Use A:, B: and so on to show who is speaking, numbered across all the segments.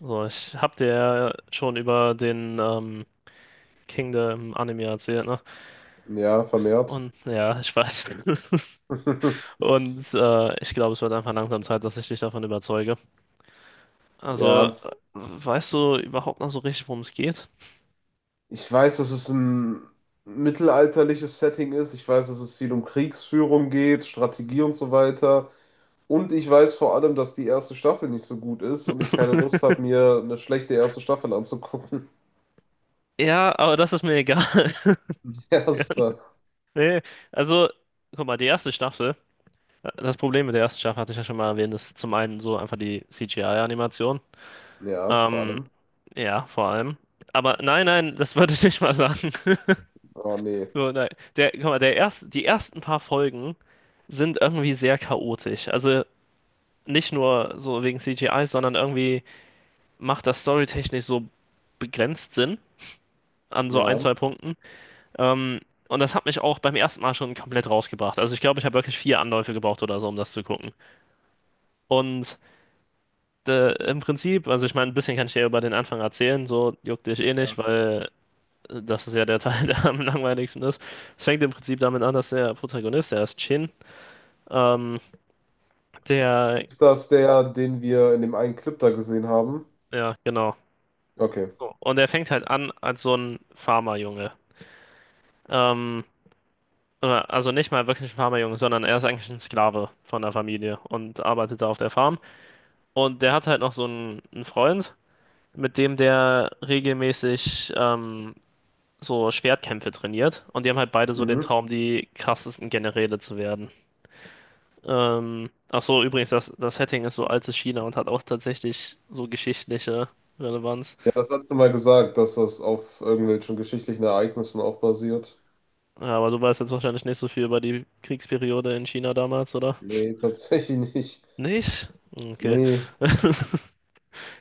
A: So, ich hab dir ja schon über den King der Anime erzählt, ne?
B: Ja, vermehrt.
A: Und ja, ich weiß. Und ich glaube, es wird einfach langsam Zeit, dass ich dich davon überzeuge. Also, äh,
B: Ja,
A: Weißt du überhaupt noch so richtig, worum es geht?
B: ich weiß, dass es ein mittelalterliches Setting ist. Ich weiß, dass es viel um Kriegsführung geht, Strategie und so weiter. Und ich weiß vor allem, dass die erste Staffel nicht so gut ist und ich keine Lust habe, mir eine schlechte erste Staffel anzugucken.
A: Ja, aber das ist mir egal.
B: Ja, super.
A: Nee, also, guck mal, die erste Staffel, das Problem mit der ersten Staffel hatte ich ja schon mal erwähnt, ist zum einen so einfach die CGI-Animation.
B: Ja, vor
A: Ähm,
B: allem.
A: ja, vor allem. Aber nein, nein, das würde ich nicht mal sagen.
B: Oh, nee.
A: So, nein. Guck mal, die ersten paar Folgen sind irgendwie sehr chaotisch. Also nicht nur so wegen CGI, sondern irgendwie macht das storytechnisch so begrenzt Sinn an so ein,
B: Ja.
A: zwei Punkten. Ähm, und das hat mich auch beim ersten Mal schon komplett rausgebracht. Also ich glaube, ich habe wirklich vier Anläufe gebraucht oder so, um das zu gucken. Und im Prinzip, also ich meine, ein bisschen kann ich dir über den Anfang erzählen, so juckt dich eh nicht, weil das ist ja der Teil, der am langweiligsten ist. Es fängt im Prinzip damit an, dass der Protagonist, der ist Chin, ähm, Der,
B: Ist das der, den wir in dem einen Clip da gesehen haben?
A: ja, genau.
B: Okay.
A: Und er fängt halt an als so ein Farmerjunge. Ähm, oder- also nicht mal wirklich ein Farmerjunge, sondern er ist eigentlich ein Sklave von der Familie und arbeitet da auf der Farm. Und der hat halt noch einen Freund, mit dem der regelmäßig so Schwertkämpfe trainiert. Und die haben halt beide so den
B: Mhm.
A: Traum, die krassesten Generäle zu werden. Ach so, übrigens, das Setting ist so altes China und hat auch tatsächlich so geschichtliche Relevanz.
B: Ja, das hast du mal gesagt, dass das auf irgendwelchen geschichtlichen Ereignissen auch basiert.
A: Ja, aber du weißt jetzt wahrscheinlich nicht so viel über die Kriegsperiode in China damals, oder?
B: Nee, tatsächlich nicht.
A: Nicht? Okay.
B: Nee.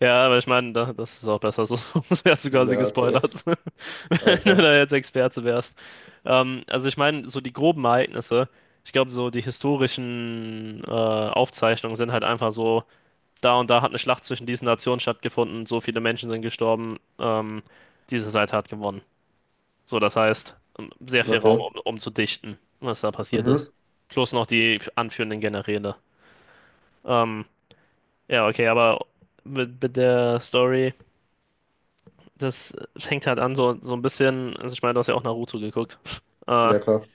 A: Ja, aber ich meine, da, das ist auch besser, so, sonst wärst du quasi
B: Ja, okay.
A: gespoilert, wenn du
B: Alter.
A: da jetzt Experte wärst. Also ich meine, so die groben Ereignisse, ich glaube, so die historischen Aufzeichnungen sind halt einfach so, da und da hat eine Schlacht zwischen diesen Nationen stattgefunden, so viele Menschen sind gestorben, diese Seite hat gewonnen. So, das heißt, sehr viel Raum,
B: Okay.
A: um zu dichten, was da passiert
B: Mhm.
A: ist. Plus noch die anführenden Generäle. Ähm, ja, okay, aber mit der Story, das fängt halt an, so, so ein bisschen, also ich meine, du hast ja auch Naruto geguckt. Äh,
B: Ja, klar.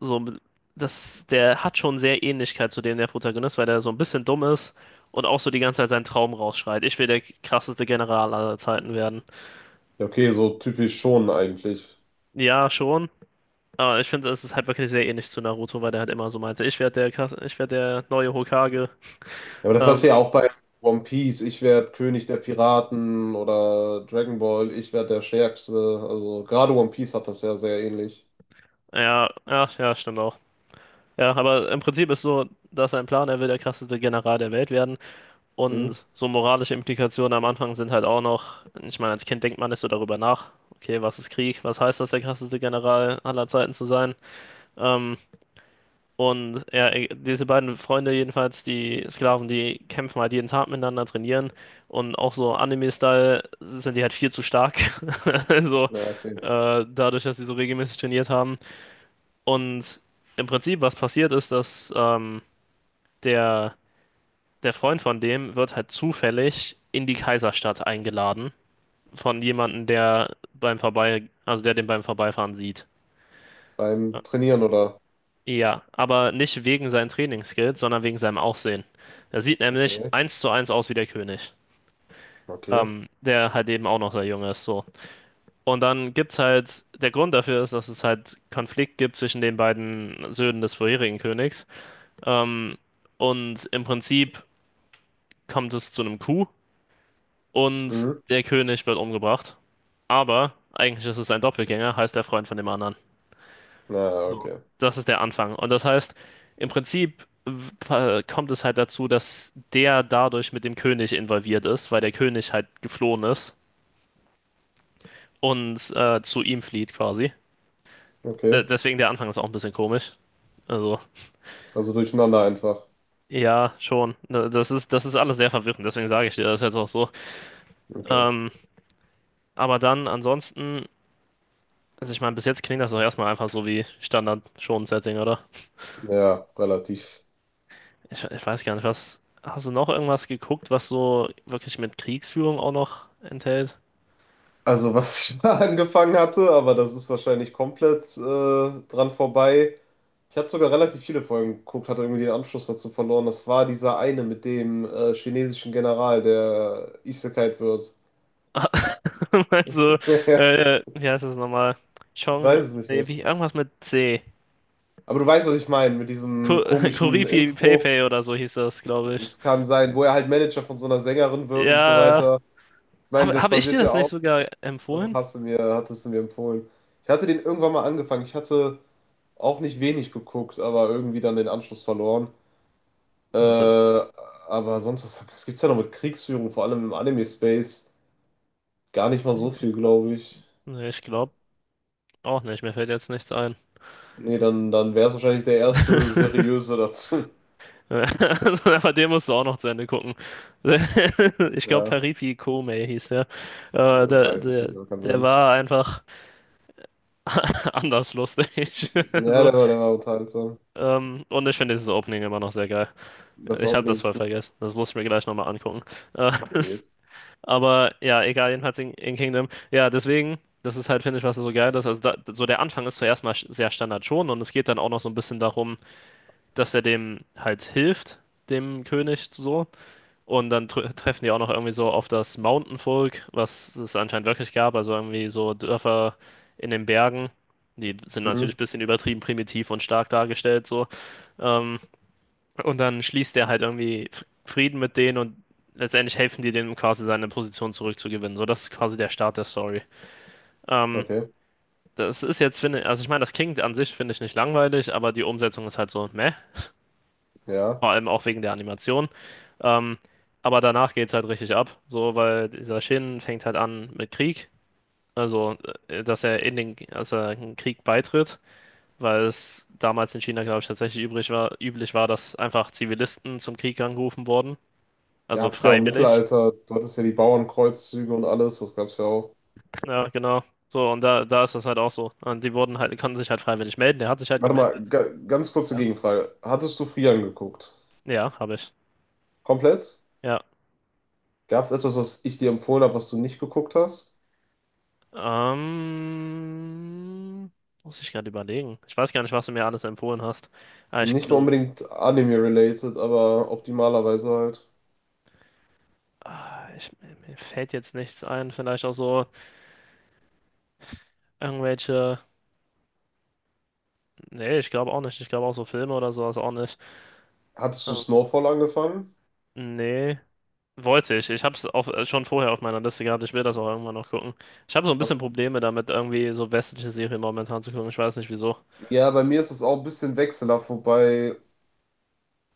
A: so, das, der hat schon sehr Ähnlichkeit zu dem der Protagonist, weil der so ein bisschen dumm ist und auch so die ganze Zeit seinen Traum rausschreit. Ich will der krasseste General aller Zeiten werden.
B: Ja, okay, so typisch schon eigentlich.
A: Ja, schon. Aber ich finde, es ist halt wirklich sehr ähnlich zu Naruto, weil der halt immer so meinte, ich werde der, Krass- ich werde der neue Hokage.
B: Ja, aber das hast du
A: Ähm,
B: ja auch bei One Piece. Ich werde König der Piraten oder Dragon Ball. Ich werde der Stärkste. Also gerade One Piece hat das ja sehr ähnlich.
A: ja, ja, ja, stimmt auch. Ja, aber im Prinzip ist so, dass sein Plan, er will der krasseste General der Welt werden.
B: Hm?
A: Und so moralische Implikationen am Anfang sind halt auch noch, ich meine, als Kind denkt man nicht so darüber nach. Okay, was ist Krieg? Was heißt das, der krasseste General aller Zeiten zu sein? Ähm, Und ja, diese beiden Freunde jedenfalls, die Sklaven, die kämpfen halt jeden Tag miteinander, trainieren und auch so Anime-Style sind die halt viel zu stark. Also
B: Ja, okay.
A: dadurch, dass sie so regelmäßig trainiert haben. Und im Prinzip, was passiert ist, dass der, der Freund von dem wird halt zufällig in die Kaiserstadt eingeladen von jemandem, der beim Vorbei, also der den beim Vorbeifahren sieht.
B: Beim Trainieren oder?
A: Ja, aber nicht wegen seinen Trainingsskills, sondern wegen seinem Aussehen. Er sieht nämlich
B: Okay.
A: eins zu eins aus wie der König,
B: Okay.
A: der halt eben auch noch sehr jung ist, so. Und dann gibt's halt, der Grund dafür ist, dass es halt Konflikt gibt zwischen den beiden Söhnen des vorherigen Königs. Ähm, und im Prinzip kommt es zu einem Coup und
B: Mhm.
A: der König wird umgebracht. Aber eigentlich ist es ein Doppelgänger, heißt der Freund von dem anderen.
B: Na, okay.
A: Das ist der Anfang. Und das heißt, im Prinzip kommt es halt dazu, dass der dadurch mit dem König involviert ist, weil der König halt geflohen ist und zu ihm flieht quasi. De
B: Okay.
A: deswegen der Anfang ist auch ein bisschen komisch. Also,
B: Also durcheinander einfach.
A: ja, schon. Ne, das ist, das ist alles sehr verwirrend, deswegen sage ich dir das jetzt auch so.
B: Okay.
A: Ähm, aber dann ansonsten, also ich meine, bis jetzt klingt das doch erstmal einfach so wie Standard Shonen-Setting, oder?
B: Ja, relativ.
A: Ich weiß gar nicht, was. Hast du noch irgendwas geguckt, was so wirklich mit Kriegsführung auch noch enthält?
B: Also was ich mal angefangen hatte, aber das ist wahrscheinlich komplett dran vorbei. Ich hatte sogar relativ viele Folgen geguckt, hatte irgendwie den Anschluss dazu verloren. Das war dieser eine mit dem chinesischen General, der Isekai'd wird.
A: Also, wie heißt es nochmal?
B: Ich
A: Chong,
B: weiß es nicht
A: nee,
B: mehr.
A: wie, irgendwas mit C.
B: Aber du weißt, was ich meine mit
A: Ko
B: diesem komischen
A: Koripi
B: Intro.
A: Pepe oder so hieß das, glaube ich.
B: Es kann sein, wo er halt Manager von so einer Sängerin wird und so
A: Ja,
B: weiter. Ich meine,
A: habe hab
B: das
A: hab ich dir
B: passiert ja
A: das nicht
B: auch.
A: sogar
B: Doch,
A: empfohlen?
B: hast du mir, hattest du mir empfohlen. Ich hatte den irgendwann mal angefangen. Ich hatte auch nicht wenig geguckt, aber irgendwie dann den Anschluss verloren.
A: Und
B: Aber sonst, was, was gibt's da noch mit Kriegsführung, vor allem im Anime-Space? Gar nicht mal so viel, glaube ich.
A: nee, ich glaube auch nicht, mir fällt jetzt nichts ein.
B: Nee, dann, dann wäre es wahrscheinlich der erste seriöse dazu.
A: Also, aber den musst du auch noch zu Ende gucken. Ich glaube,
B: Ja,
A: Peripi Kome hieß der.
B: weiß ich
A: Der.
B: nicht, aber kann
A: Der
B: sein.
A: war einfach anders lustig.
B: Ja,
A: So,
B: der war unterhaltsam.
A: und ich finde dieses Opening immer noch sehr geil.
B: Das war
A: Ich habe das
B: unbedingt
A: voll
B: gut.
A: vergessen. Das muss ich mir gleich nochmal angucken. Äh,
B: Yes.
A: Aber ja, egal, jedenfalls in Kingdom. Ja, deswegen, das ist halt, finde ich, was so geil ist. Also, da, so der Anfang ist zuerst mal sch- sehr Standard schon und es geht dann auch noch so ein bisschen darum, dass er dem halt hilft, dem König so. Und dann tr treffen die auch noch irgendwie so auf das Mountainvolk, was es anscheinend wirklich gab. Also irgendwie so Dörfer in den Bergen. Die sind natürlich
B: Mhm,
A: ein bisschen übertrieben primitiv und stark dargestellt so. Ähm, und dann schließt er halt irgendwie Frieden mit denen und letztendlich helfen die dem quasi seine Position zurückzugewinnen. So, das ist quasi der Start der Story. Ähm,
B: okay,
A: Das ist jetzt, finde ich, also ich meine, das klingt an sich, finde ich, nicht langweilig, aber die Umsetzung ist halt so, meh.
B: ja.
A: Vor allem auch wegen der Animation. Ähm, aber danach geht's halt richtig ab. So, weil dieser Shin fängt halt an mit Krieg. Also, dass er in den, dass er in den Krieg beitritt, weil es damals in China, glaube ich, tatsächlich übrig war, üblich war, dass einfach Zivilisten zum Krieg angerufen wurden.
B: Ja,
A: Also
B: hat's ja auch im
A: freiwillig.
B: Mittelalter, du hattest ja die Bauernkreuzzüge und alles, das gab's ja auch.
A: Ja, genau. So, und da, da ist das halt auch so. Und die wurden halt, konnten sich halt freiwillig melden. Der hat sich halt
B: Warte
A: gemeldet.
B: mal, ga, ganz kurze
A: Ja.
B: Gegenfrage. Hattest du Frieren geguckt?
A: Ja, habe ich.
B: Komplett?
A: Ja.
B: Gab es etwas, was ich dir empfohlen habe, was du nicht geguckt hast?
A: Ähm, Muss ich gerade überlegen. Ich weiß gar nicht, was du mir alles empfohlen hast. Aber ich,
B: Nicht mal
A: gl-
B: unbedingt Anime-related, aber optimalerweise halt.
A: ah, ich, mir fällt jetzt nichts ein. Vielleicht auch so irgendwelche. Nee, ich glaube auch nicht. Ich glaube auch so Filme oder sowas auch nicht.
B: Hattest du
A: Ähm,
B: Snowfall angefangen?
A: nee. Wollte ich. Ich habe es auch schon vorher auf meiner Liste gehabt. Ich will das auch irgendwann noch gucken. Ich habe so ein bisschen
B: Ok.
A: Probleme damit, irgendwie so westliche Serien momentan zu gucken. Ich weiß nicht wieso.
B: Ja, bei mir ist es auch ein bisschen wechselhaft, wobei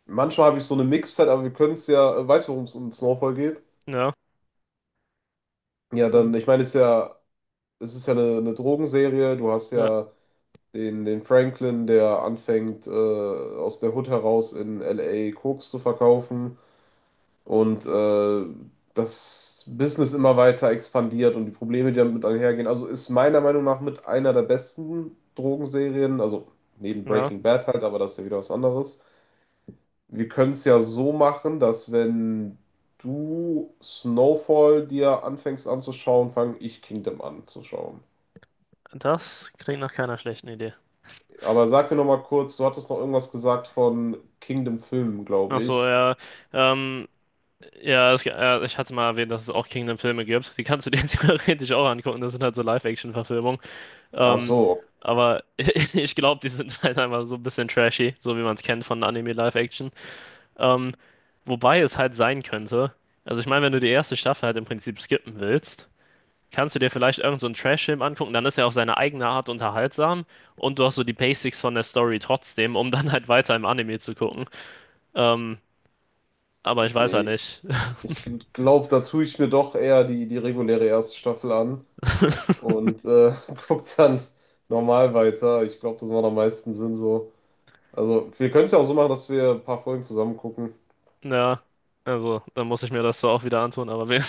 B: manchmal habe ich so eine Mixzeit, aber wir können es ja, weißt du, worum es um Snowfall geht?
A: Ja,
B: Ja,
A: um,
B: dann, ich meine, es ist ja eine Drogenserie. Du hast
A: ja,
B: ja den, den Franklin, der anfängt, aus der Hood heraus in LA Koks zu verkaufen. Und das Business immer weiter expandiert und die Probleme, die damit einhergehen. Also ist meiner Meinung nach mit einer der besten Drogenserien, also neben
A: ja.
B: Breaking Bad halt, aber das ist ja wieder was anderes. Wir können es ja so machen, dass wenn du Snowfall dir anfängst anzuschauen, fange ich Kingdom anzuschauen.
A: Das klingt nach keiner schlechten Idee.
B: Aber sag mir noch mal kurz, du hattest noch irgendwas gesagt von Kingdom Filmen, glaube
A: Ach so,
B: ich.
A: ja. Ähm, ja, es, ja, ich hatte mal erwähnt, dass es auch Kingdom-Filme gibt. Die kannst du dir theoretisch auch angucken. Das sind halt so Live-Action-Verfilmungen.
B: Ach
A: Ähm,
B: so,
A: aber ich glaube, die sind halt einfach so ein bisschen trashy, so wie man es kennt von Anime-Live-Action. Ähm, Wobei es halt sein könnte, also ich meine, wenn du die erste Staffel halt im Prinzip skippen willst, kannst du dir vielleicht irgend so einen Trash-Film angucken, dann ist er auf seine eigene Art unterhaltsam und du hast so die Basics von der Story trotzdem, um dann halt weiter im Anime zu gucken. Ähm, aber ich weiß ja
B: nee,
A: nicht.
B: ich glaube, da tue ich mir doch eher die, die reguläre erste Staffel an und guck dann normal weiter. Ich glaube, das macht am meisten Sinn so. Also, wir können es ja auch so machen, dass wir ein paar Folgen zusammen gucken.
A: Ja, also dann muss ich mir das so auch wieder antun, aber wir,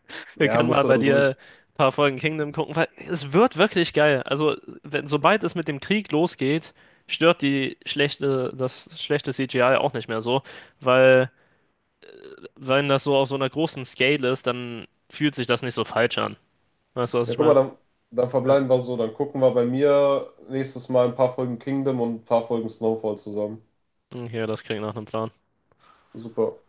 A: wir
B: Ja,
A: können mal
B: musst du
A: bei
B: dann
A: dir
B: durch.
A: ein paar Folgen Kingdom gucken, weil es wird wirklich geil. Also, wenn, sobald es mit dem Krieg losgeht, stört die schlechte, das schlechte CGI auch nicht mehr so, weil wenn das so auf so einer großen Scale ist, dann fühlt sich das nicht so falsch an. Weißt du, was
B: Ja,
A: ich
B: guck mal,
A: meine?
B: dann, dann
A: Ja.
B: verbleiben wir so. Dann gucken wir bei mir nächstes Mal ein paar Folgen Kingdom und ein paar Folgen Snowfall zusammen.
A: Okay, das klingt nach einem Plan.
B: Super.